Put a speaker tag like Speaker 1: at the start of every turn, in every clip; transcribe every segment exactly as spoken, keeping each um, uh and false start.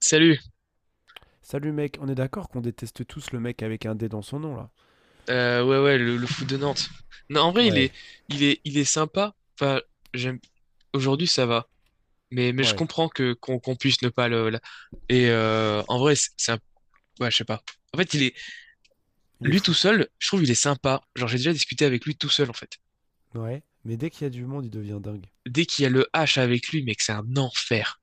Speaker 1: Salut.
Speaker 2: Salut mec, on est d'accord qu'on déteste tous le mec avec un D dans son nom là.
Speaker 1: Euh, ouais, ouais, le, le foot de Nantes. Non, en vrai, il est,
Speaker 2: Ouais,
Speaker 1: il est, il est sympa. Enfin, j'aime. Aujourd'hui, ça va. Mais, mais je
Speaker 2: ouais,
Speaker 1: comprends que qu'on qu'on puisse ne pas le. la- Et euh, en vrai, c'est c'est un. Ouais, je sais pas. En fait, il est
Speaker 2: il est
Speaker 1: lui tout
Speaker 2: fou.
Speaker 1: seul. Je trouve il est sympa. Genre, j'ai déjà discuté avec lui tout seul en fait.
Speaker 2: Ouais, mais dès qu'il y a du monde, il devient dingue.
Speaker 1: Dès qu'il y a le H avec lui, mec, c'est un enfer.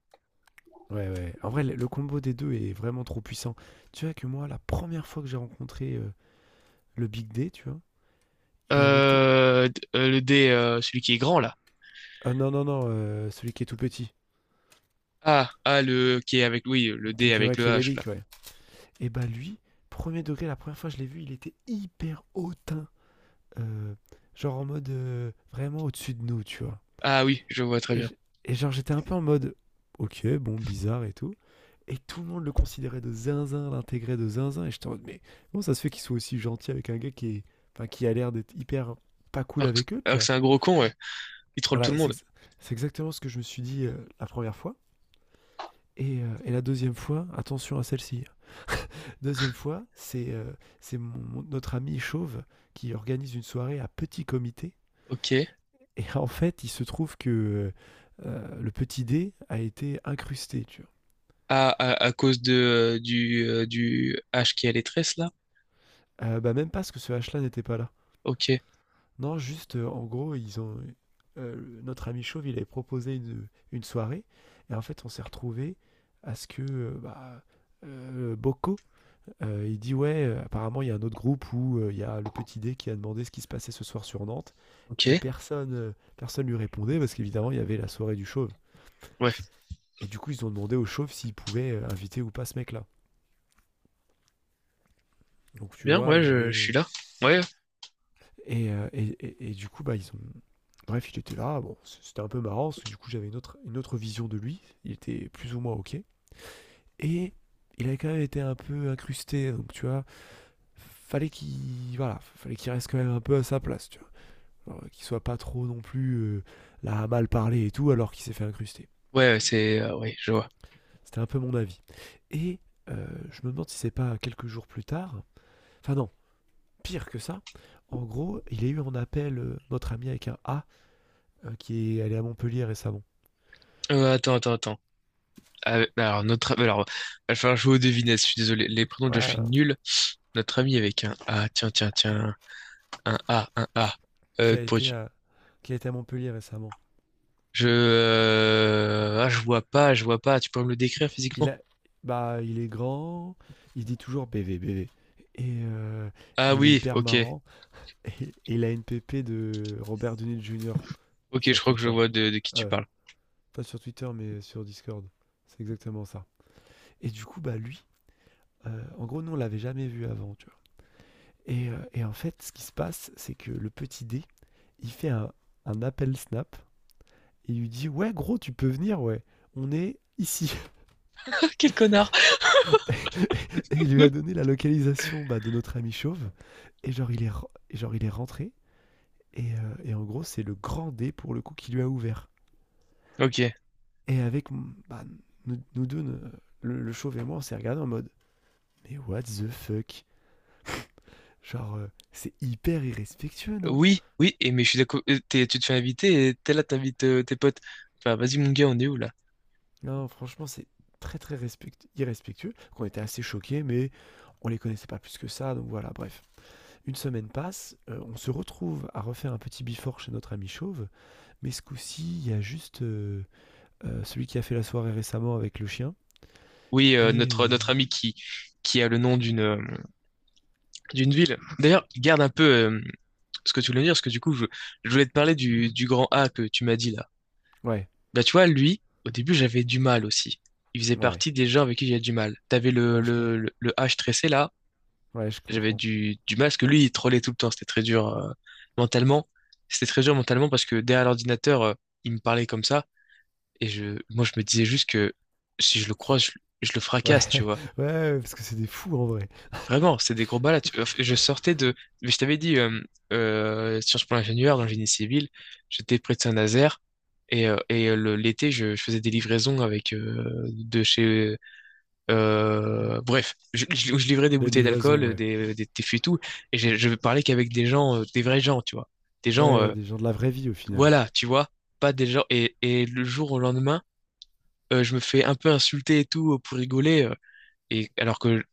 Speaker 2: Ouais, ouais. En vrai, le le combo des deux est vraiment trop puissant. Tu vois que moi, la première fois que j'ai rencontré euh, le Big D, tu vois, il avait été.
Speaker 1: Euh, d- euh, le D, euh, celui qui est grand là.
Speaker 2: Ah non, non, non, euh, celui qui est tout petit,
Speaker 1: Ah, ah, le qui est avec, oui, le
Speaker 2: qui est,
Speaker 1: D
Speaker 2: qui est
Speaker 1: avec le H là.
Speaker 2: machiavélique, ouais. Et bah lui, premier degré, la première fois que je l'ai vu, il était hyper hautain. euh, genre en mode euh, vraiment au-dessus de nous, tu vois.
Speaker 1: Ah oui, je vois très
Speaker 2: Et,
Speaker 1: bien.
Speaker 2: je- et genre j'étais un peu en mode, ok, bon, bizarre et tout. Et tout le monde le considérait de zinzin, l'intégrait de zinzin. Et j'étais en mode, mais comment ça se fait qu'ils soient aussi gentils avec un gars qui, est, enfin, qui a l'air d'être hyper pas cool
Speaker 1: Alors que,
Speaker 2: avec eux, tu
Speaker 1: alors que
Speaker 2: vois.
Speaker 1: c'est un gros con, ouais. Il troll tout
Speaker 2: Voilà,
Speaker 1: le
Speaker 2: c'est
Speaker 1: monde.
Speaker 2: c'est exactement ce que je me suis dit euh, la première fois. Et, euh, et la deuxième fois, attention à celle-ci. Deuxième fois, c'est euh, c'est mon- mon- notre ami Chauve qui organise une soirée à petit comité.
Speaker 1: Ok.
Speaker 2: Et en fait, il se trouve que euh, le petit dé a été incrusté, tu vois.
Speaker 1: Ah, à, à cause de, euh, du, euh, du H qui a les tresses, là?
Speaker 2: Euh, bah, même pas parce que ce H-là n'était pas là.
Speaker 1: Ok,
Speaker 2: Non, juste, euh, en gros, ils ont, euh, notre ami Chauve, il avait proposé une, une soirée. Et en fait, on s'est retrouvé à ce que euh, bah, euh, Bocco, euh, il dit ouais, euh, apparemment, il y a un autre groupe où euh, il y a le petit D qui a demandé ce qui se passait ce soir sur Nantes.
Speaker 1: ok.
Speaker 2: Et personne euh, personne lui répondait parce qu'évidemment, il y avait la soirée du Chauve.
Speaker 1: Ouais, très
Speaker 2: Et du coup, ils ont demandé au Chauve s'il pouvait euh, inviter ou pas ce mec-là. Donc, tu
Speaker 1: bien,
Speaker 2: vois,
Speaker 1: ouais,
Speaker 2: il y
Speaker 1: je, je suis
Speaker 2: avait.
Speaker 1: là. Ouais,
Speaker 2: Et, euh, et, et- et du coup, bah, ils ont. Bref, il était là. Bon, c- c'était un peu marrant parce que du coup, j'avais une autre, une autre vision de lui. Il était plus ou moins OK. Et il avait quand même été un peu incrusté. Donc, tu vois, fallait qu'il voilà, fallait qu'il reste quand même un peu à sa place, tu vois. Alors, qu'il soit pas trop non plus euh, là à mal parler et tout, alors qu'il s'est fait incruster.
Speaker 1: ouais, c'est... euh, ouais, je vois.
Speaker 2: C'était un peu mon avis. Et euh, je me demande si c'est pas quelques jours plus tard. Enfin, non, pire que ça. En gros, il y a eu en appel euh, notre ami avec un A euh, qui est allé à Montpellier récemment.
Speaker 1: Euh, attends, attends, attends. Ah, alors, notre... Alors, il va falloir jouer aux devinettes, je suis désolé. Les prénoms, déjà, je suis
Speaker 2: Ouais,
Speaker 1: nul. Notre ami avec un A, tiens, tiens, tiens. Un A, un A.
Speaker 2: qui
Speaker 1: Euh,
Speaker 2: a été
Speaker 1: pourrais-tu-
Speaker 2: à, qui a été à Montpellier récemment.
Speaker 1: Je... euh, Ah, je vois pas, je vois pas. Tu peux me le décrire
Speaker 2: Il
Speaker 1: physiquement?
Speaker 2: a, bah, il est grand, il dit toujours B V, B V. Et euh,
Speaker 1: Ah
Speaker 2: il est
Speaker 1: oui,
Speaker 2: hyper
Speaker 1: ok.
Speaker 2: marrant. Et, et il a une pépé de Robert Downey junior
Speaker 1: Ok, je
Speaker 2: sur
Speaker 1: crois que je
Speaker 2: Twitter.
Speaker 1: vois de, de qui tu
Speaker 2: Euh,
Speaker 1: parles.
Speaker 2: Pas sur Twitter, mais sur Discord. C'est exactement ça. Et du coup, bah lui, euh, en gros, nous, on l'avait jamais vu avant, tu vois. Et, euh, et en fait, ce qui se passe, c'est que le petit D, il fait un, un appel Snap. Et il lui dit, ouais, gros, tu peux venir, ouais. On est ici.
Speaker 1: Ah, Quel connard.
Speaker 2: Et il lui a donné la localisation bah, de notre ami chauve. Et genre, il est, re- et genre, il est rentré. Et, euh, et en gros, c'est le grand dé pour le coup qui lui a ouvert.
Speaker 1: Ok.
Speaker 2: Et avec mm, bah, nous, nous deux, ne- le, le chauve et moi, on s'est regardé en mode mais what the fuck. Genre, euh, c'est hyper irrespectueux, non.
Speaker 1: Oui, oui, et mais je suis d'accord. euh, t'es- Tu te fais inviter et t'es là, t'invites euh, tes potes. Enfin, vas-y, mon gars, on est où là?
Speaker 2: Non, franchement, c'est très très respect- irrespectueux. Qu'on était assez choqués, mais on les connaissait pas plus que ça. Donc voilà, bref. Une semaine passe, euh, on se retrouve à refaire un petit before chez notre ami chauve. Mais ce coup-ci, il y a juste euh, euh, celui qui a fait la soirée récemment avec le chien.
Speaker 1: Oui, euh,
Speaker 2: Et
Speaker 1: notre,
Speaker 2: euh,
Speaker 1: notre ami qui, qui a le nom d'une euh, d'une ville. D'ailleurs, garde un peu euh, ce que tu voulais me dire, parce que du coup, je, je voulais te parler du, du grand A que tu m'as dit là.
Speaker 2: ouais,
Speaker 1: Bah, tu vois, lui, au début, j'avais du mal aussi. Il faisait
Speaker 2: ouais,
Speaker 1: partie des gens avec qui j'avais du mal. T'avais le,
Speaker 2: ouais, je,
Speaker 1: le,
Speaker 2: comprends
Speaker 1: le, le H tressé là,
Speaker 2: ouais, je
Speaker 1: j'avais
Speaker 2: comprends.
Speaker 1: du, du mal, parce que lui, il trollait tout le temps, c'était très dur euh, mentalement. C'était très dur mentalement parce que derrière l'ordinateur, euh, il me parlait comme ça, et je, moi, je me disais juste que si je le
Speaker 2: C'est-
Speaker 1: croise, je, je le
Speaker 2: Ouais,
Speaker 1: fracasse, tu vois.
Speaker 2: ouais, parce que c'est des fous en vrai.
Speaker 1: Vraiment, c'est des gros balades. Tu- enfin, Je sortais de. mais Je t'avais dit, euh, euh, Sciences Po ingénieur dans le génie civil, j'étais près de Saint-Nazaire. Et, euh, et euh, le- l'été, je, je faisais des livraisons avec euh, de chez. euh, bref, je, je- je livrais des
Speaker 2: La
Speaker 1: bouteilles d'alcool,
Speaker 2: livraison,
Speaker 1: euh,
Speaker 2: ouais.
Speaker 1: des, des, des fûts et tout. Et je, je parlais qu'avec des gens, euh, des vrais gens, tu vois. Des gens,
Speaker 2: Ouais,
Speaker 1: euh,
Speaker 2: des gens de la vraie vie au final.
Speaker 1: voilà, tu vois. Pas des gens. Et, et le jour au lendemain, euh, je me fais un peu insulter et tout euh, pour rigoler. euh, et alors que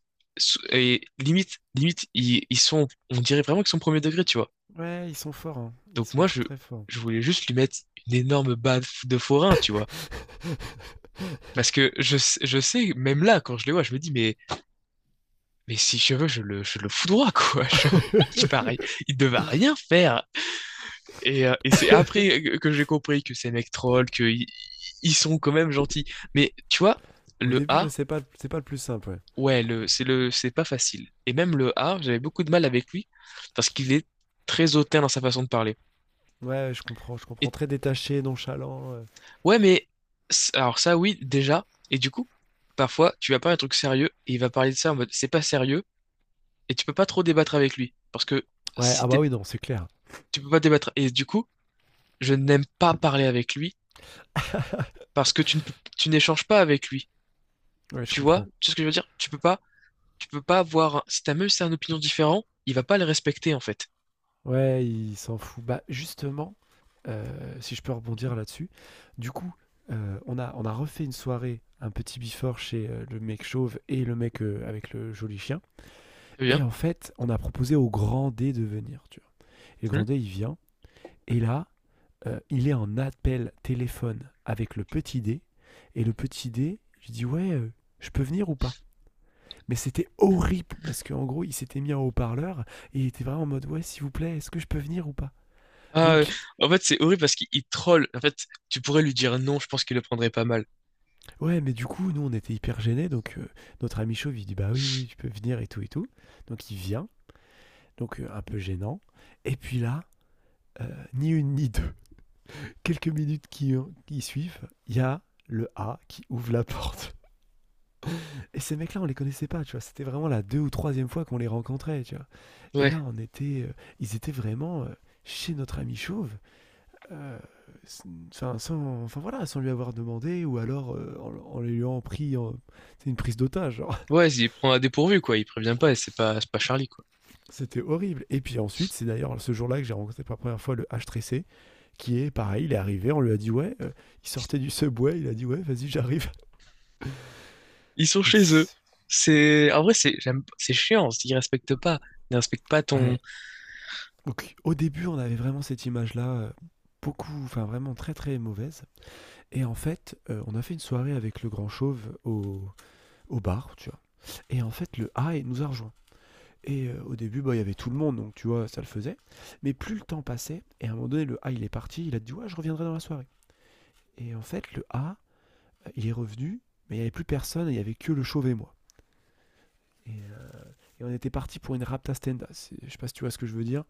Speaker 1: et limite, limite, ils, ils sont, on dirait vraiment qu'ils sont premier degré, tu vois.
Speaker 2: Ouais, ils sont forts, hein. Ils
Speaker 1: Donc
Speaker 2: sont
Speaker 1: moi,
Speaker 2: très
Speaker 1: je,
Speaker 2: très forts.
Speaker 1: je voulais juste lui mettre une énorme baffe de forain, tu vois. Parce que je, sais- je sais, même là, quand je les vois, je me dis, mais, mais si je veux, je le, je le foudroie, quoi. Genre, il paraît, il ne va rien faire. Et, euh, et c'est après que que j'ai compris que ces mecs trollent, qu'ils ils sont quand même gentils. Mais tu vois,
Speaker 2: Au
Speaker 1: le
Speaker 2: début, ouais,
Speaker 1: A,
Speaker 2: c'est pas, c'est pas le plus simple, ouais.
Speaker 1: Ouais, le, c'est le, c'est pas facile. Et même le A, j'avais beaucoup de mal avec lui parce qu'il est très hautain dans sa façon de parler.
Speaker 2: Ouais, je comprends, je comprends.
Speaker 1: Et
Speaker 2: Très détaché, nonchalant. Ouais.
Speaker 1: ouais, mais c- alors ça, oui, déjà. Et du coup, parfois, tu vas parler un truc sérieux et il va parler de ça en mode c'est pas sérieux et tu peux pas trop débattre avec lui parce que
Speaker 2: Ouais,
Speaker 1: si
Speaker 2: ah bah
Speaker 1: t'es,
Speaker 2: oui, non, c'est clair.
Speaker 1: tu peux pas débattre. Et du coup, je n'aime pas parler avec lui parce que tu ne peux- tu n'échanges pas avec lui.
Speaker 2: Ouais, je
Speaker 1: Tu vois,
Speaker 2: comprends.
Speaker 1: tu sais ce que je veux dire? Tu peux pas, tu peux pas avoir. Un- Si t'as même si t'as une opinion différente, il va pas le respecter en fait.
Speaker 2: Ouais, il s'en fout. Bah, justement, heu, si je peux rebondir là-dessus, du coup, heu, on a on a refait une soirée, un petit before chez, heu, le mec chauve et le mec, heu, avec le joli chien.
Speaker 1: Très bien.
Speaker 2: Et en fait, on a proposé au grand D de venir, tu vois? Et le grand D, il vient et là, heu, il est en appel téléphone avec le petit D et le petit D, je dis: «Ouais, heu, je peux venir ou pas ?» Mais c'était horrible parce qu'en gros, il s'était mis en haut-parleur et il était vraiment en mode: «Ouais, s'il vous plaît, est-ce que je peux venir ou pas ?»
Speaker 1: Ah, euh,
Speaker 2: Donc
Speaker 1: en fait, c'est horrible parce qu'il il troll. En fait, tu pourrais lui dire non, je pense qu'il le prendrait pas mal.
Speaker 2: ouais, mais du coup, nous, on était hyper gênés. Donc, heu, notre ami chauve, il dit: «Bah, oui, oui, oui, tu peux venir et tout et tout». Donc, il vient, donc, heu, un peu gênant et puis là, heu, ni une ni deux, quelques minutes qui euh, qui suivent, il y a le A qui ouvre la porte. Et ces mecs-là, on les connaissait pas, tu vois? C'était vraiment la deux ou troisième fois qu'on les rencontrait, tu vois? Et
Speaker 1: Ouais,
Speaker 2: là, on était, heu, ils étaient vraiment, heu, chez notre ami chauve, heu, s enfin, sans enfin, voilà, sans lui avoir demandé ou alors, heu, en en lui ayant pris en tu une prise d'otage, hein.
Speaker 1: ouais, il prend à dépourvu, quoi. Il prévient pas et c'est pas, c'est pas Charlie, quoi.
Speaker 2: C'était horrible. Et puis ensuite, c'est d'ailleurs ce jour-là que j'ai rencontré pour la première fois le H trois C, qui est pareil, il est arrivé, on lui a dit ouais, euh, il sortait du subway, il a dit ouais, vas-y, j'arrive.
Speaker 1: Ils sont
Speaker 2: Donc,
Speaker 1: chez eux. C'est, en vrai, c'est, j'aime- c'est chiant. Ils respectent pas. Ils respectent pas ton,
Speaker 2: ouais. Donc, au début, on avait vraiment cette image-là, euh, beaucoup, enfin vraiment très très mauvaise. Et en fait, euh, on a fait une soirée avec le grand chauve au, au bar, tu vois. Et en fait, le A nous a rejoint. Et euh, au début, bah, il y avait tout le monde, donc tu vois, ça le faisait. Mais plus le temps passait, et à un moment donné, le A, il est parti, il a dit, ouais, je reviendrai dans la soirée. Et en fait, le A, il est revenu, mais il n'y avait plus personne, il n'y avait que le chauve et moi. Et, euh, et on était parti pour une rapta stenda. C'est- Je sais pas si tu vois ce que je veux dire.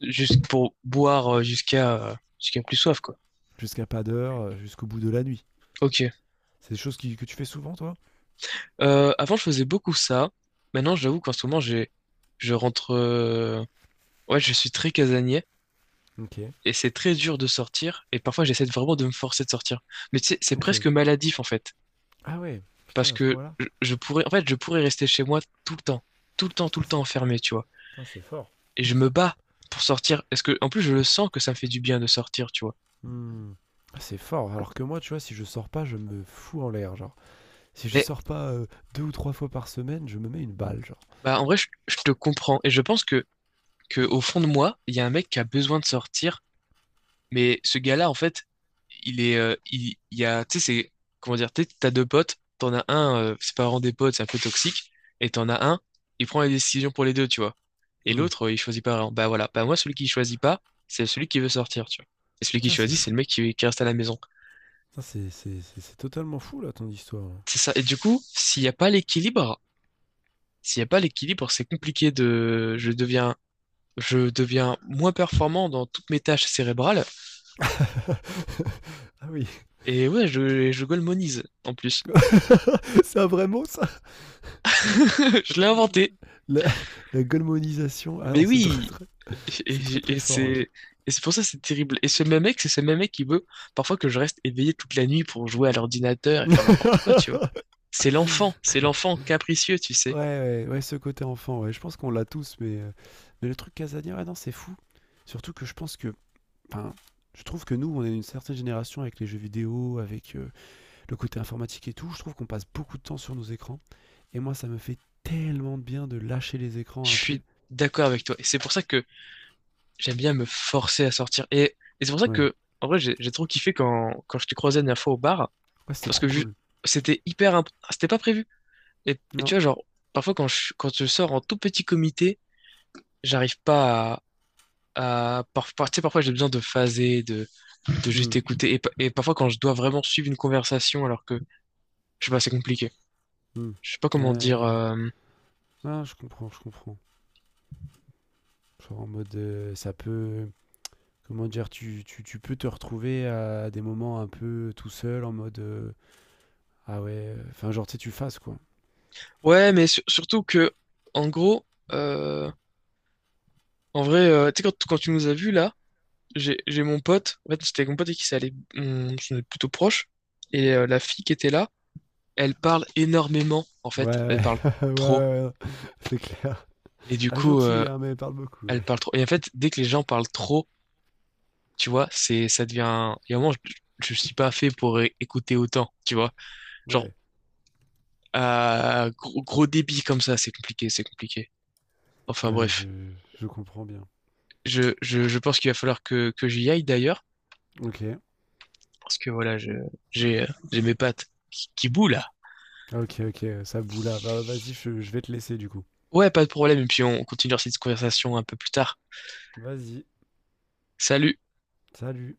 Speaker 1: juste pour boire euh, jusqu'à, euh, jusqu'à plus soif, quoi.
Speaker 2: Jusqu'à pas d'heure, euh, jusqu'au bout de la nuit.
Speaker 1: Ok.
Speaker 2: C'est des choses qui- que tu fais souvent, toi?
Speaker 1: Euh, avant, je faisais beaucoup ça. Maintenant, j'avoue qu'en ce moment, j'ai, je rentre, euh, ouais, je suis très casanier.
Speaker 2: Ok.
Speaker 1: Et c'est très dur de sortir, et parfois j'essaie de- vraiment de me forcer de sortir. Mais tu sais, c'est
Speaker 2: Ok.
Speaker 1: presque maladif en fait.
Speaker 2: Ah ouais,
Speaker 1: parce
Speaker 2: putain, à ce
Speaker 1: que
Speaker 2: moment là.
Speaker 1: je je pourrais, en fait, je pourrais rester chez moi tout le temps, tout le temps, tout
Speaker 2: Putain,
Speaker 1: le temps
Speaker 2: c'est,
Speaker 1: enfermé, tu vois.
Speaker 2: putain, c'est fort.
Speaker 1: Et je me bats pour sortir, parce que, en plus, je le sens que ça me fait du bien de sortir, tu vois.
Speaker 2: Hmm. Ah, c'est fort. Alors que moi, tu vois, si je sors pas, je me fous en l'air. Genre, si je
Speaker 1: Mais,
Speaker 2: sors pas euh, deux ou trois fois par semaine, je me mets une balle. Genre,
Speaker 1: bah, en vrai, je, je te comprends, et je pense que, que, au fond de moi, il y a un mec qui a besoin de sortir. Mais ce gars-là, en fait, il est, euh, il, il y a, tu sais, c'est, comment dire, tu sais, t'as deux potes, t'en as un, euh, c'est pas vraiment des potes, c'est un peu toxique, et t'en as un, il prend les décisions pour les deux, tu vois. Et
Speaker 2: hmm,
Speaker 1: l'autre, euh, il choisit pas vraiment. Bah voilà, bah moi, celui qui choisit pas, c'est celui qui veut sortir, tu vois. Et celui qui
Speaker 2: putain, c'est
Speaker 1: choisit, c'est
Speaker 2: fou.
Speaker 1: le mec qui, qui reste à la maison.
Speaker 2: Putain, c'est, c'est, c'est, c'est totalement fou là ton histoire. Là.
Speaker 1: C'est ça. Et du coup, s'il n'y a pas l'équilibre, s'il n'y a pas l'équilibre, c'est compliqué de, je deviens, je deviens moins performant dans toutes mes tâches cérébrales.
Speaker 2: Ah oui.
Speaker 1: Et ouais, je, je golemonise, en plus.
Speaker 2: C'est un vrai mot, ça.
Speaker 1: Je l'ai inventé.
Speaker 2: La, la golemonisation. Ah non,
Speaker 1: Mais
Speaker 2: c'est très
Speaker 1: oui,
Speaker 2: très,
Speaker 1: et,
Speaker 2: c'est très,
Speaker 1: et-
Speaker 2: très
Speaker 1: et
Speaker 2: fort.
Speaker 1: c'est et c'est pour ça que c'est terrible. Et ce même mec, c'est ce même mec qui veut parfois que je reste éveillé toute la nuit pour jouer à l'ordinateur et
Speaker 2: Ouais.
Speaker 1: faire n'importe quoi, tu vois. C'est l'enfant, c'est l'enfant capricieux, tu
Speaker 2: Ouais,
Speaker 1: sais.
Speaker 2: ouais, ouais, ce côté enfant, ouais, je pense qu'on l'a tous, mais, euh, mais le truc Casania, ouais, non, c'est fou. Surtout que je pense que, enfin, je trouve que nous, on est une certaine génération avec les jeux vidéo, avec euh, le côté informatique et tout. Je trouve qu'on passe beaucoup de temps sur nos écrans. Et moi, ça me fait tellement de bien de lâcher les écrans
Speaker 1: Je
Speaker 2: un peu.
Speaker 1: suis d'accord avec toi. Et c'est pour ça que j'aime bien me forcer à sortir. Et, et c'est pour ça
Speaker 2: Ouais,
Speaker 1: que, en vrai, j'ai j'ai trop kiffé quand, quand je te croisais la dernière fois au bar,
Speaker 2: ouais, c'était
Speaker 1: parce que
Speaker 2: trop
Speaker 1: ju-
Speaker 2: cool.
Speaker 1: c'était hyper, imp- c'était pas prévu. Et, et tu
Speaker 2: Non,
Speaker 1: vois, genre, parfois quand je, quand je sors en tout petit comité, j'arrive pas à à- par- par- tu sais, parfois j'ai besoin de phaser, de
Speaker 2: hmm,
Speaker 1: juste écouter. Et, pa- et parfois, quand je dois vraiment suivre une conversation, alors que, je sais pas, c'est compliqué.
Speaker 2: hmm.
Speaker 1: Je sais pas comment dire.
Speaker 2: Ouais.
Speaker 1: euh,
Speaker 2: Ah, je comprends, je comprends. Genre en mode, euh, ça peut, comment dire, tu, tu, tu peux te retrouver à des moments un peu tout seul en mode euh, ah ouais, enfin genre tu sais, tu fasses quoi.
Speaker 1: Ouais, mais sur- surtout que, en gros, euh, en vrai, euh, tu sais, quand, quand tu nous as vus là, j'ai j'ai mon pote, en fait, c'était mon pote et qui s'est allé, on, on est plutôt proche, et euh, la fille qui était là, elle parle énormément, en
Speaker 2: Ouais,
Speaker 1: fait,
Speaker 2: ouais,
Speaker 1: elle parle
Speaker 2: ouais,
Speaker 1: trop.
Speaker 2: ouais, ouais, c'est clair.
Speaker 1: Et du
Speaker 2: Ah,
Speaker 1: coup, euh,
Speaker 2: gentil, hein, mais parle beaucoup.
Speaker 1: elle
Speaker 2: Ouais,
Speaker 1: parle trop. Et en fait, dès que les gens parlent trop, tu vois, c'est, ça devient. Il y a un moment, je, je suis pas fait pour é- écouter autant, tu vois. Genre,
Speaker 2: ouais,
Speaker 1: à gros, gros débit comme ça, c'est compliqué, c'est compliqué. Enfin
Speaker 2: ouais,
Speaker 1: bref,
Speaker 2: je, je comprends bien.
Speaker 1: je, je, je pense qu'il va falloir que, que j'y aille d'ailleurs,
Speaker 2: Ok,
Speaker 1: parce que voilà, je, j'ai, euh, j'ai mes pattes qui, qui bouent là.
Speaker 2: ok, ok, ça boule là. Bah, vas-y, je, je vais te laisser du coup.
Speaker 1: Ouais, pas de problème, et puis on continue cette conversation un peu plus tard.
Speaker 2: Vas-y,
Speaker 1: Salut!
Speaker 2: salut.